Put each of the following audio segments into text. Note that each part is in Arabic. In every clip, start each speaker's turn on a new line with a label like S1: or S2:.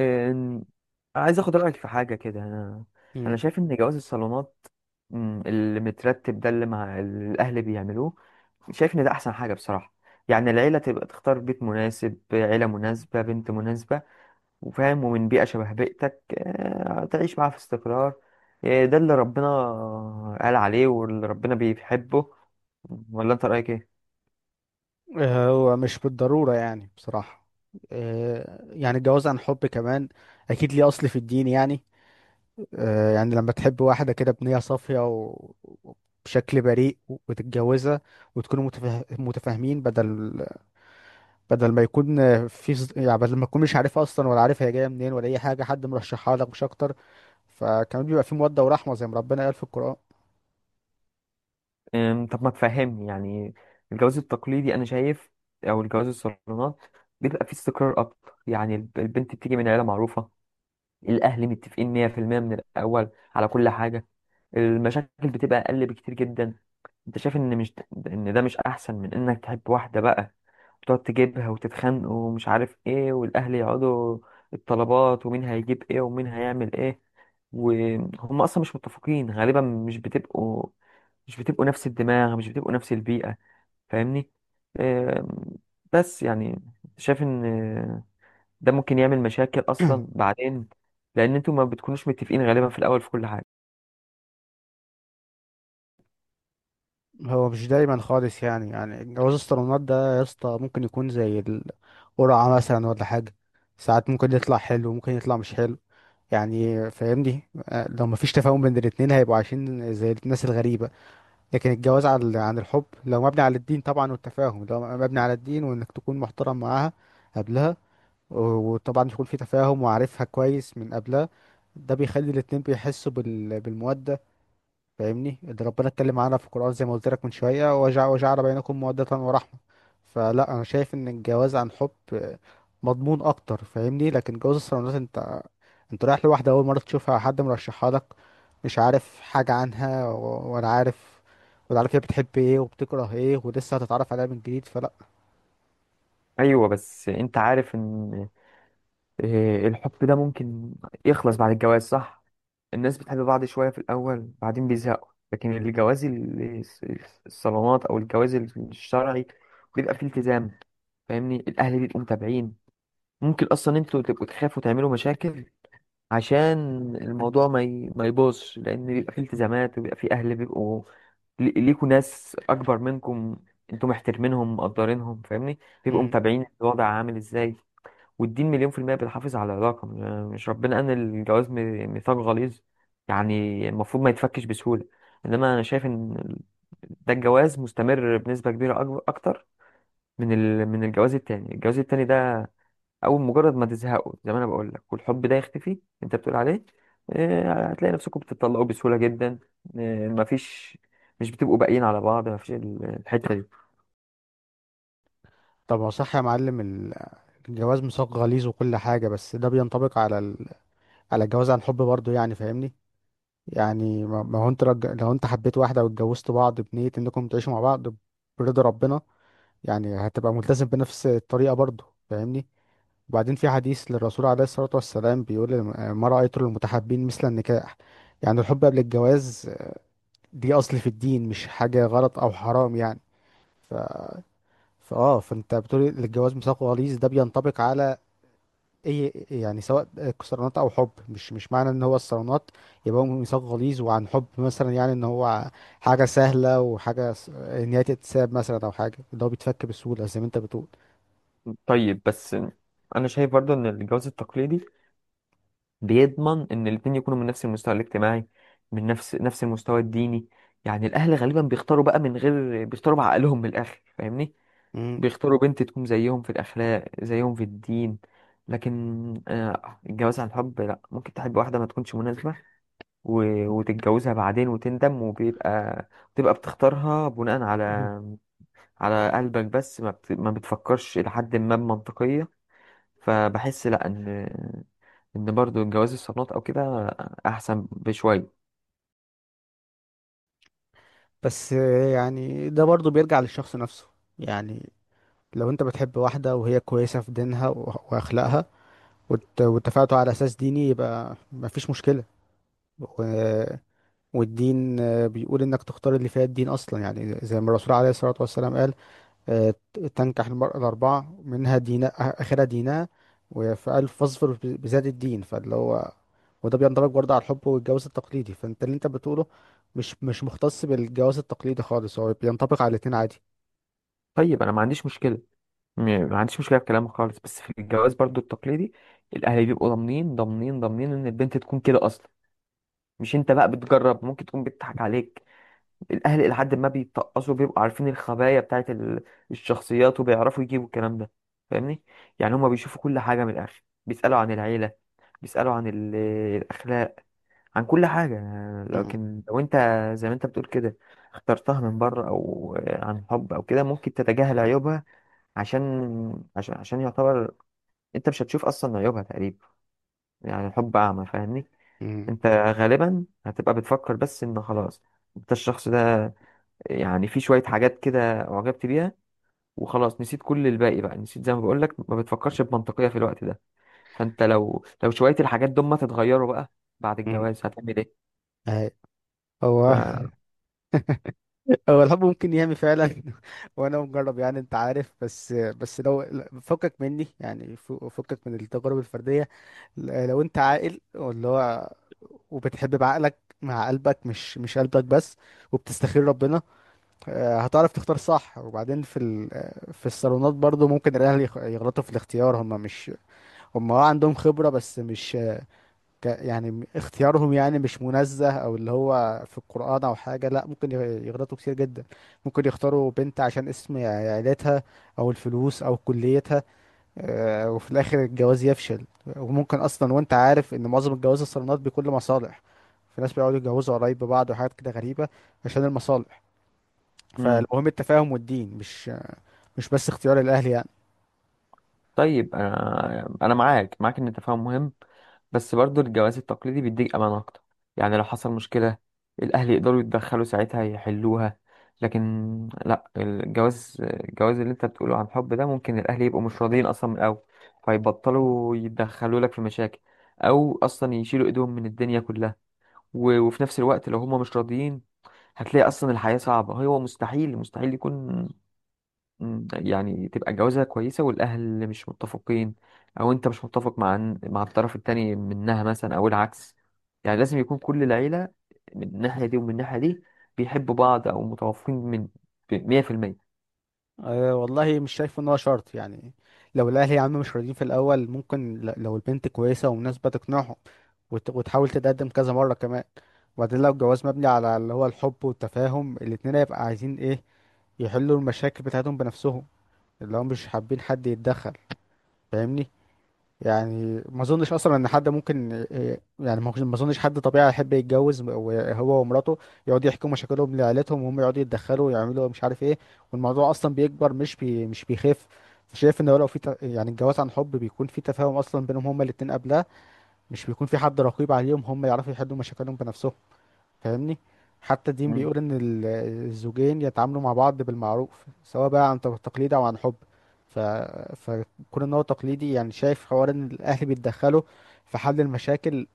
S1: إن- عايز اخد رايك في حاجه كده. انا
S2: مم.
S1: شايف ان جواز الصالونات، اللي مترتب ده اللي مع اللي الاهل بيعملوه. شايف ان ده احسن حاجه بصراحه. يعني العيله تبقى تختار بيت مناسب، عيله مناسبه، بنت مناسبه وفاهم ومن بيئه شبه بيئتك، تعيش معاها في استقرار. ده اللي ربنا قال عليه واللي ربنا بيحبه. ولا انت رايك ايه؟
S2: آه، هو مش بالضرورة يعني بصراحة. آه، يعني الجواز عن حب كمان أكيد ليه أصل في الدين يعني. آه، يعني لما تحب واحدة كده بنية صافية وبشكل بريء وتتجوزها وتكونوا متفاهمين، بدل ما يكون في ص- يعني بدل ما تكون مش عارفها أصلا ولا عارف هي جاية منين ولا أي حاجة، حد مرشحها لك مش أكتر. فكمان بيبقى في مودة ورحمة زي ما ربنا قال في القرآن.
S1: طب ما تفهمني. يعني الجواز التقليدي انا شايف، او الجواز الصالونات، بيبقى فيه استقرار اكتر. يعني البنت بتيجي من عيله معروفه، الاهل متفقين 100% من الاول على كل حاجه، المشاكل بتبقى اقل بكتير جدا. انت شايف ان مش، ان ده مش احسن من انك تحب واحده بقى، تقعد تجيبها وتتخانقوا ومش عارف ايه، والاهل يقعدوا الطلبات، ومين هيجيب ايه ومين هيعمل ايه، وهم اصلا مش متفقين غالبا. مش بتبقوا، مش بتبقوا نفس الدماغ، مش بتبقوا نفس البيئة. فاهمني؟ آم، بس يعني شايف ان ده ممكن يعمل مشاكل اصلا بعدين، لان انتوا ما بتكونوش متفقين غالبا في الاول في كل حاجة.
S2: هو مش دايما خالص، يعني جواز الصالونات ده يا اسطى ممكن يكون زي القرعة مثلا ولا حاجة. ساعات ممكن يطلع حلو، ممكن يطلع مش حلو، يعني فاهمني. آه، لو مفيش تفاهم بين الاتنين هيبقوا عايشين زي الناس الغريبة. لكن الجواز عن الحب، لو مبني على الدين طبعا، والتفاهم لو مبني على الدين، وانك تكون محترم معاها قبلها، و- وطبعا يكون في تفاهم وعارفها كويس من قبلها، ده بيخلي الاتنين بيحسوا بالمودة، فاهمني. ده ربنا اتكلم عنها في القرآن زي ما قلت لك من شوية، وجع وجعل بينكم مودة ورحمة. فلا، أنا شايف إن الجواز عن حب مضمون أكتر، فاهمني. لكن جواز الصالونات أنت رايح لواحدة أول مرة تشوفها، حد مرشحها لك، مش عارف حاجة عنها ولا عارف هي بتحب إيه وبتكره إيه، ولسه هتتعرف عليها من جديد، فلا.
S1: ايوه، بس انت عارف ان الحب ده ممكن يخلص بعد الجواز، صح؟ الناس بتحب بعض شوية في الأول بعدين بيزهقوا، لكن الجواز الصالونات أو الجواز الشرعي بيبقى فيه التزام. فاهمني؟ الأهل بيبقوا متابعين. ممكن أصلا أنتوا تبقوا تخافوا تعملوا مشاكل عشان الموضوع ما يبوظش، لأن بيبقى فيه التزامات وبيبقى فيه أهل بيبقوا ليكوا، ناس أكبر منكم أنتوا محترمينهم مقدرينهم. فاهمني؟ بيبقوا
S2: امم
S1: متابعين الوضع عامل إزاي. والدين مليون في المية بيحافظ على العلاقة. مش ربنا قال إن الجواز ميثاق غليظ؟ يعني المفروض ما يتفكش بسهولة. إنما أنا شايف إن ده الجواز مستمر بنسبة كبيرة، أكتر من من الجواز التاني. الجواز التاني ده، أول مجرد ما تزهقوا زي ما أنا بقول لك والحب ده يختفي، أنت بتقول عليه، هتلاقي نفسكم بتطلقوا بسهولة جدا. مفيش، مش بتبقوا باقيين على بعض. مفيش الحتة دي.
S2: طب ما صح يا معلم. الجواز ميثاق غليظ وكل حاجة، بس ده بينطبق على على الجواز عن حب برضه، يعني فاهمني. يعني ما هو انت لو انت حبيت واحدة واتجوزتوا بعض بنية انكم تعيشوا مع بعض برضا ربنا، يعني هتبقى ملتزم بنفس الطريقة برضه، فاهمني. وبعدين في حديث للرسول عليه الصلاة والسلام بيقول، ما رأيت المتحابين مثل النكاح. يعني الحب قبل الجواز دي أصل في الدين، مش حاجة غلط أو حرام يعني. ف... فاه فانت بتقول الجواز ميثاق غليظ، ده بينطبق على ايه يعني، سواء كسرانات او حب. مش معنى ان هو الصالونات يبقى هو ميثاق غليظ، وعن حب مثلا يعني ان هو حاجه سهله، ان هي تتساب مثلا او حاجه اللي هو بيتفك بسهوله زي ما انت بتقول.
S1: طيب بس أنا شايف برضو إن الجواز التقليدي بيضمن ان الاتنين يكونوا من نفس المستوى الاجتماعي، من نفس المستوى الديني. يعني الاهل غالبا بيختاروا بقى من غير، بيختاروا بعقلهم من الاخر. فاهمني؟ بيختاروا بنت تكون زيهم في
S2: مم.
S1: الاخلاق زيهم في الدين. لكن الجواز عن حب لا، ممكن تحب واحدة ما تكونش مناسبة وتتجوزها بعدين وتندم، وبيبقى بتبقى بتختارها بناء على على
S2: مم.
S1: قلبك بس، ما بتفكرش إلى حد ما بمنطقية. فبحس لا ان ان برضو جواز الصالونات او كده احسن بشويه.
S2: بس يعني ده برضو بيرجع للشخص نفسه. يعني لو انت بتحب واحده وهي كويسه في دينها واخلاقها، واتفقتوا على اساس ديني، يبقى مفيش مشكله. و... والدين بيقول انك تختار اللي فيها الدين اصلا، يعني زي ما الرسول عليه الصلاه والسلام قال، آه، تنكح المرأة الأربعة منها دينا، آخرها دينها، وفي ألف فاظفر بذات الدين. فاللي هو، وده بيندرج برضه على الحب والجواز التقليدي. فأنت اللي أنت بتقوله مش مختص بالجواز التقليدي خالص، هو بينطبق على الاتنين عادي.
S1: طيب انا ما عنديش مشكله، م- ما عنديش مشكله في كلامك خالص، بس في الجواز برضو التقليدي الاهل بيبقوا ضامنين ضامنين ضامنين ان البنت تكون كده اصلا، مش انت بقى بتجرب ممكن تكون بتضحك عليك. الاهل الى حد ما بيتقصوا بيبقوا عارفين الخبايا بتاعت الشخصيات وبيعرفوا يجيبوا الكلام ده. فاهمني؟ يعني هما بيشوفوا كل حاجه من الاخر، بيسالوا عن العيله، بيسالوا عن الاخلاق، عن كل حاجة.
S2: م-
S1: لكن لو انت زي ما انت بتقول كده اخترتها من بره او عن حب او كده، ممكن تتجاهل عيوبها عشان يعتبر، انت مش هتشوف اصلا عيوبها تقريبا. يعني الحب اعمى. فاهمني؟
S2: م-
S1: انت غالبا هتبقى بتفكر بس ان خلاص انت الشخص ده، يعني في شوية حاجات كده اعجبت بيها وخلاص نسيت كل الباقي بقى. نسيت زي ما بقول لك ما بتفكرش بمنطقية في الوقت ده. فانت لو شوية الحاجات دول ما تتغيروا بقى بعد
S2: م.
S1: الجواز هتعمل ايه؟
S2: أهي. هو
S1: ف...
S2: هو الحب ممكن يهمي فعلا وانا مجرب، يعني انت عارف. بس لو لا، فكك مني، يعني فكك من التجارب الفردية. لو انت عاقل واللي هو، وبتحب بعقلك مع قلبك، مش قلبك بس، وبتستخير ربنا، آه، هتعرف تختار صح. وبعدين في ال... آه، في الصالونات برضو ممكن الاهل يغلطوا في الاختيار. هم مش هم اه عندهم خبرة، بس مش يعني اختيارهم يعني مش منزه، او اللي هو في القرآن او حاجة، لا ممكن يغلطوا كتير جدا. ممكن يختاروا بنت عشان اسم عيلتها، او الفلوس، او كليتها. آه، وفي الاخر الجواز يفشل. وممكن اصلا، وانت عارف ان معظم الجواز الصالونات بكل مصالح، في ناس بيقعدوا يتجوزوا قريب ببعض وحاجات كده غريبة عشان المصالح.
S1: مم.
S2: فالمهم التفاهم والدين، مش بس اختيار الاهل، يعني.
S1: طيب انا معاك ان التفاهم مهم، بس برضو الجواز التقليدي بيديك امان اكتر. يعني لو حصل مشكله، الاهل يقدروا يتدخلوا ساعتها يحلوها. لكن لا، الجواز، الجواز اللي انت بتقوله عن حب ده، ممكن الاهل يبقوا مش راضيين اصلا من الاول، فيبطلوا يتدخلوا لك في مشاكل، او اصلا يشيلوا ايدهم من الدنيا كلها. وفي نفس الوقت لو هم مش راضيين هتلاقي اصلا الحياه صعبه. هو مستحيل مستحيل يكون، يعني تبقى الجوازة كويسة والأهل مش متفقين، أو أنت مش متفق مع الطرف التاني منها مثلا، أو العكس. يعني لازم يكون كل العيلة من الناحية دي ومن الناحية دي بيحبوا بعض أو متوافقين من مية في المية.
S2: أه والله، مش شايف ان هو شرط يعني. لو الاهل يا عم مش راضيين في الاول، ممكن لو البنت كويسه ومناسبه تقنعهم، وتحاول تتقدم كذا مره كمان. وبعدين لو الجواز مبني على اللي هو الحب والتفاهم، الاتنين هيبقى عايزين ايه، يحلوا المشاكل بتاعتهم بنفسهم، اللي هم مش حابين حد يتدخل، فاهمني. يعني ما اظنش اصلا ان حد ممكن إيه، يعني ما ما اظنش حد طبيعي يحب يتجوز، وهو ومراته يقعدوا يحكوا مشاكلهم لعيلتهم، وهم يقعدوا يتدخلوا ويعملوا مش عارف ايه، والموضوع اصلا بيكبر مش بيخف. شايف ان هو لو في الجواز عن حب بيكون في تفاهم اصلا بينهم هما الاتنين قبلها، مش بيكون في حد رقيب عليهم، هما يعرفوا يحلوا مشاكلهم بنفسهم، فاهمني. حتى الدين
S1: مم.
S2: بيقول ان الزوجين يتعاملوا مع بعض بالمعروف، سواء بقى عن تقليد او عن حب. ف... فكون ان هو تقليدي، يعني شايف حوار ان الاهل بيتدخلوا في حل المشاكل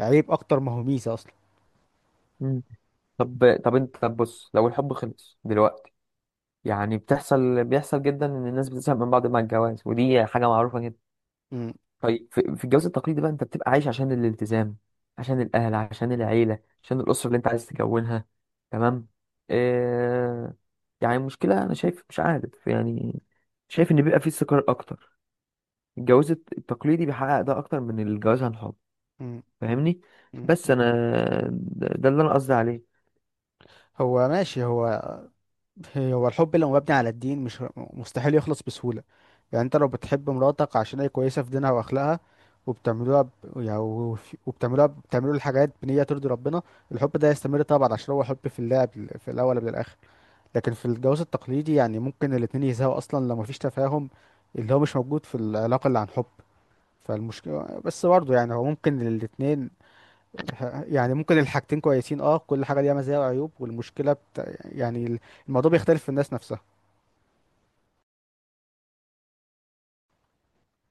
S2: عيب اكتر ما هو ميزة اصلا.
S1: مم. طب أنت طب بص، لو الحب خلص دلوقتي، يعني بتحصل بيحصل جدا إن الناس بتزهق من بعض مع الجواز، ودي حاجة معروفة جدا.
S2: م-
S1: طيب في في الجواز التقليدي بقى، انت بتبقى عايش عشان الالتزام، عشان الاهل، عشان العيله، عشان الاسره اللي انت عايز تكونها. تمام. آه. يعني المشكله انا شايف مش عارف يعني، شايف ان بيبقى فيه استقرار اكتر. الجواز التقليدي بيحقق ده اكتر من الجواز عن حب.
S2: م-
S1: فاهمني؟
S2: م.
S1: بس انا ده اللي انا قصدي عليه.
S2: هو ماشي. هو هو الحب لو مبني على الدين مش مستحيل يخلص بسهولة. يعني انت لو بتحب مراتك عشان هي كويسة في دينها واخلاقها، وبتعملوها ب... يعني وف- وبتعملوها بتعملوا الحاجات بنية ترضي ربنا، الحب ده يستمر طبعا عشان هو حب في الله، في الاول قبل الاخر. لكن في الجواز التقليدي يعني ممكن الاتنين يزهقوا اصلا لو مفيش تفاهم، اللي هو مش موجود في العلاقة اللي عن حب. فالمشكلة بس برضه، يعني هو ممكن الاتنين ممكن الحاجتين كويسين، اه كل حاجة ليها مزايا وعيوب، والمشكلة يعني الموضوع بيختلف في الناس نفسها.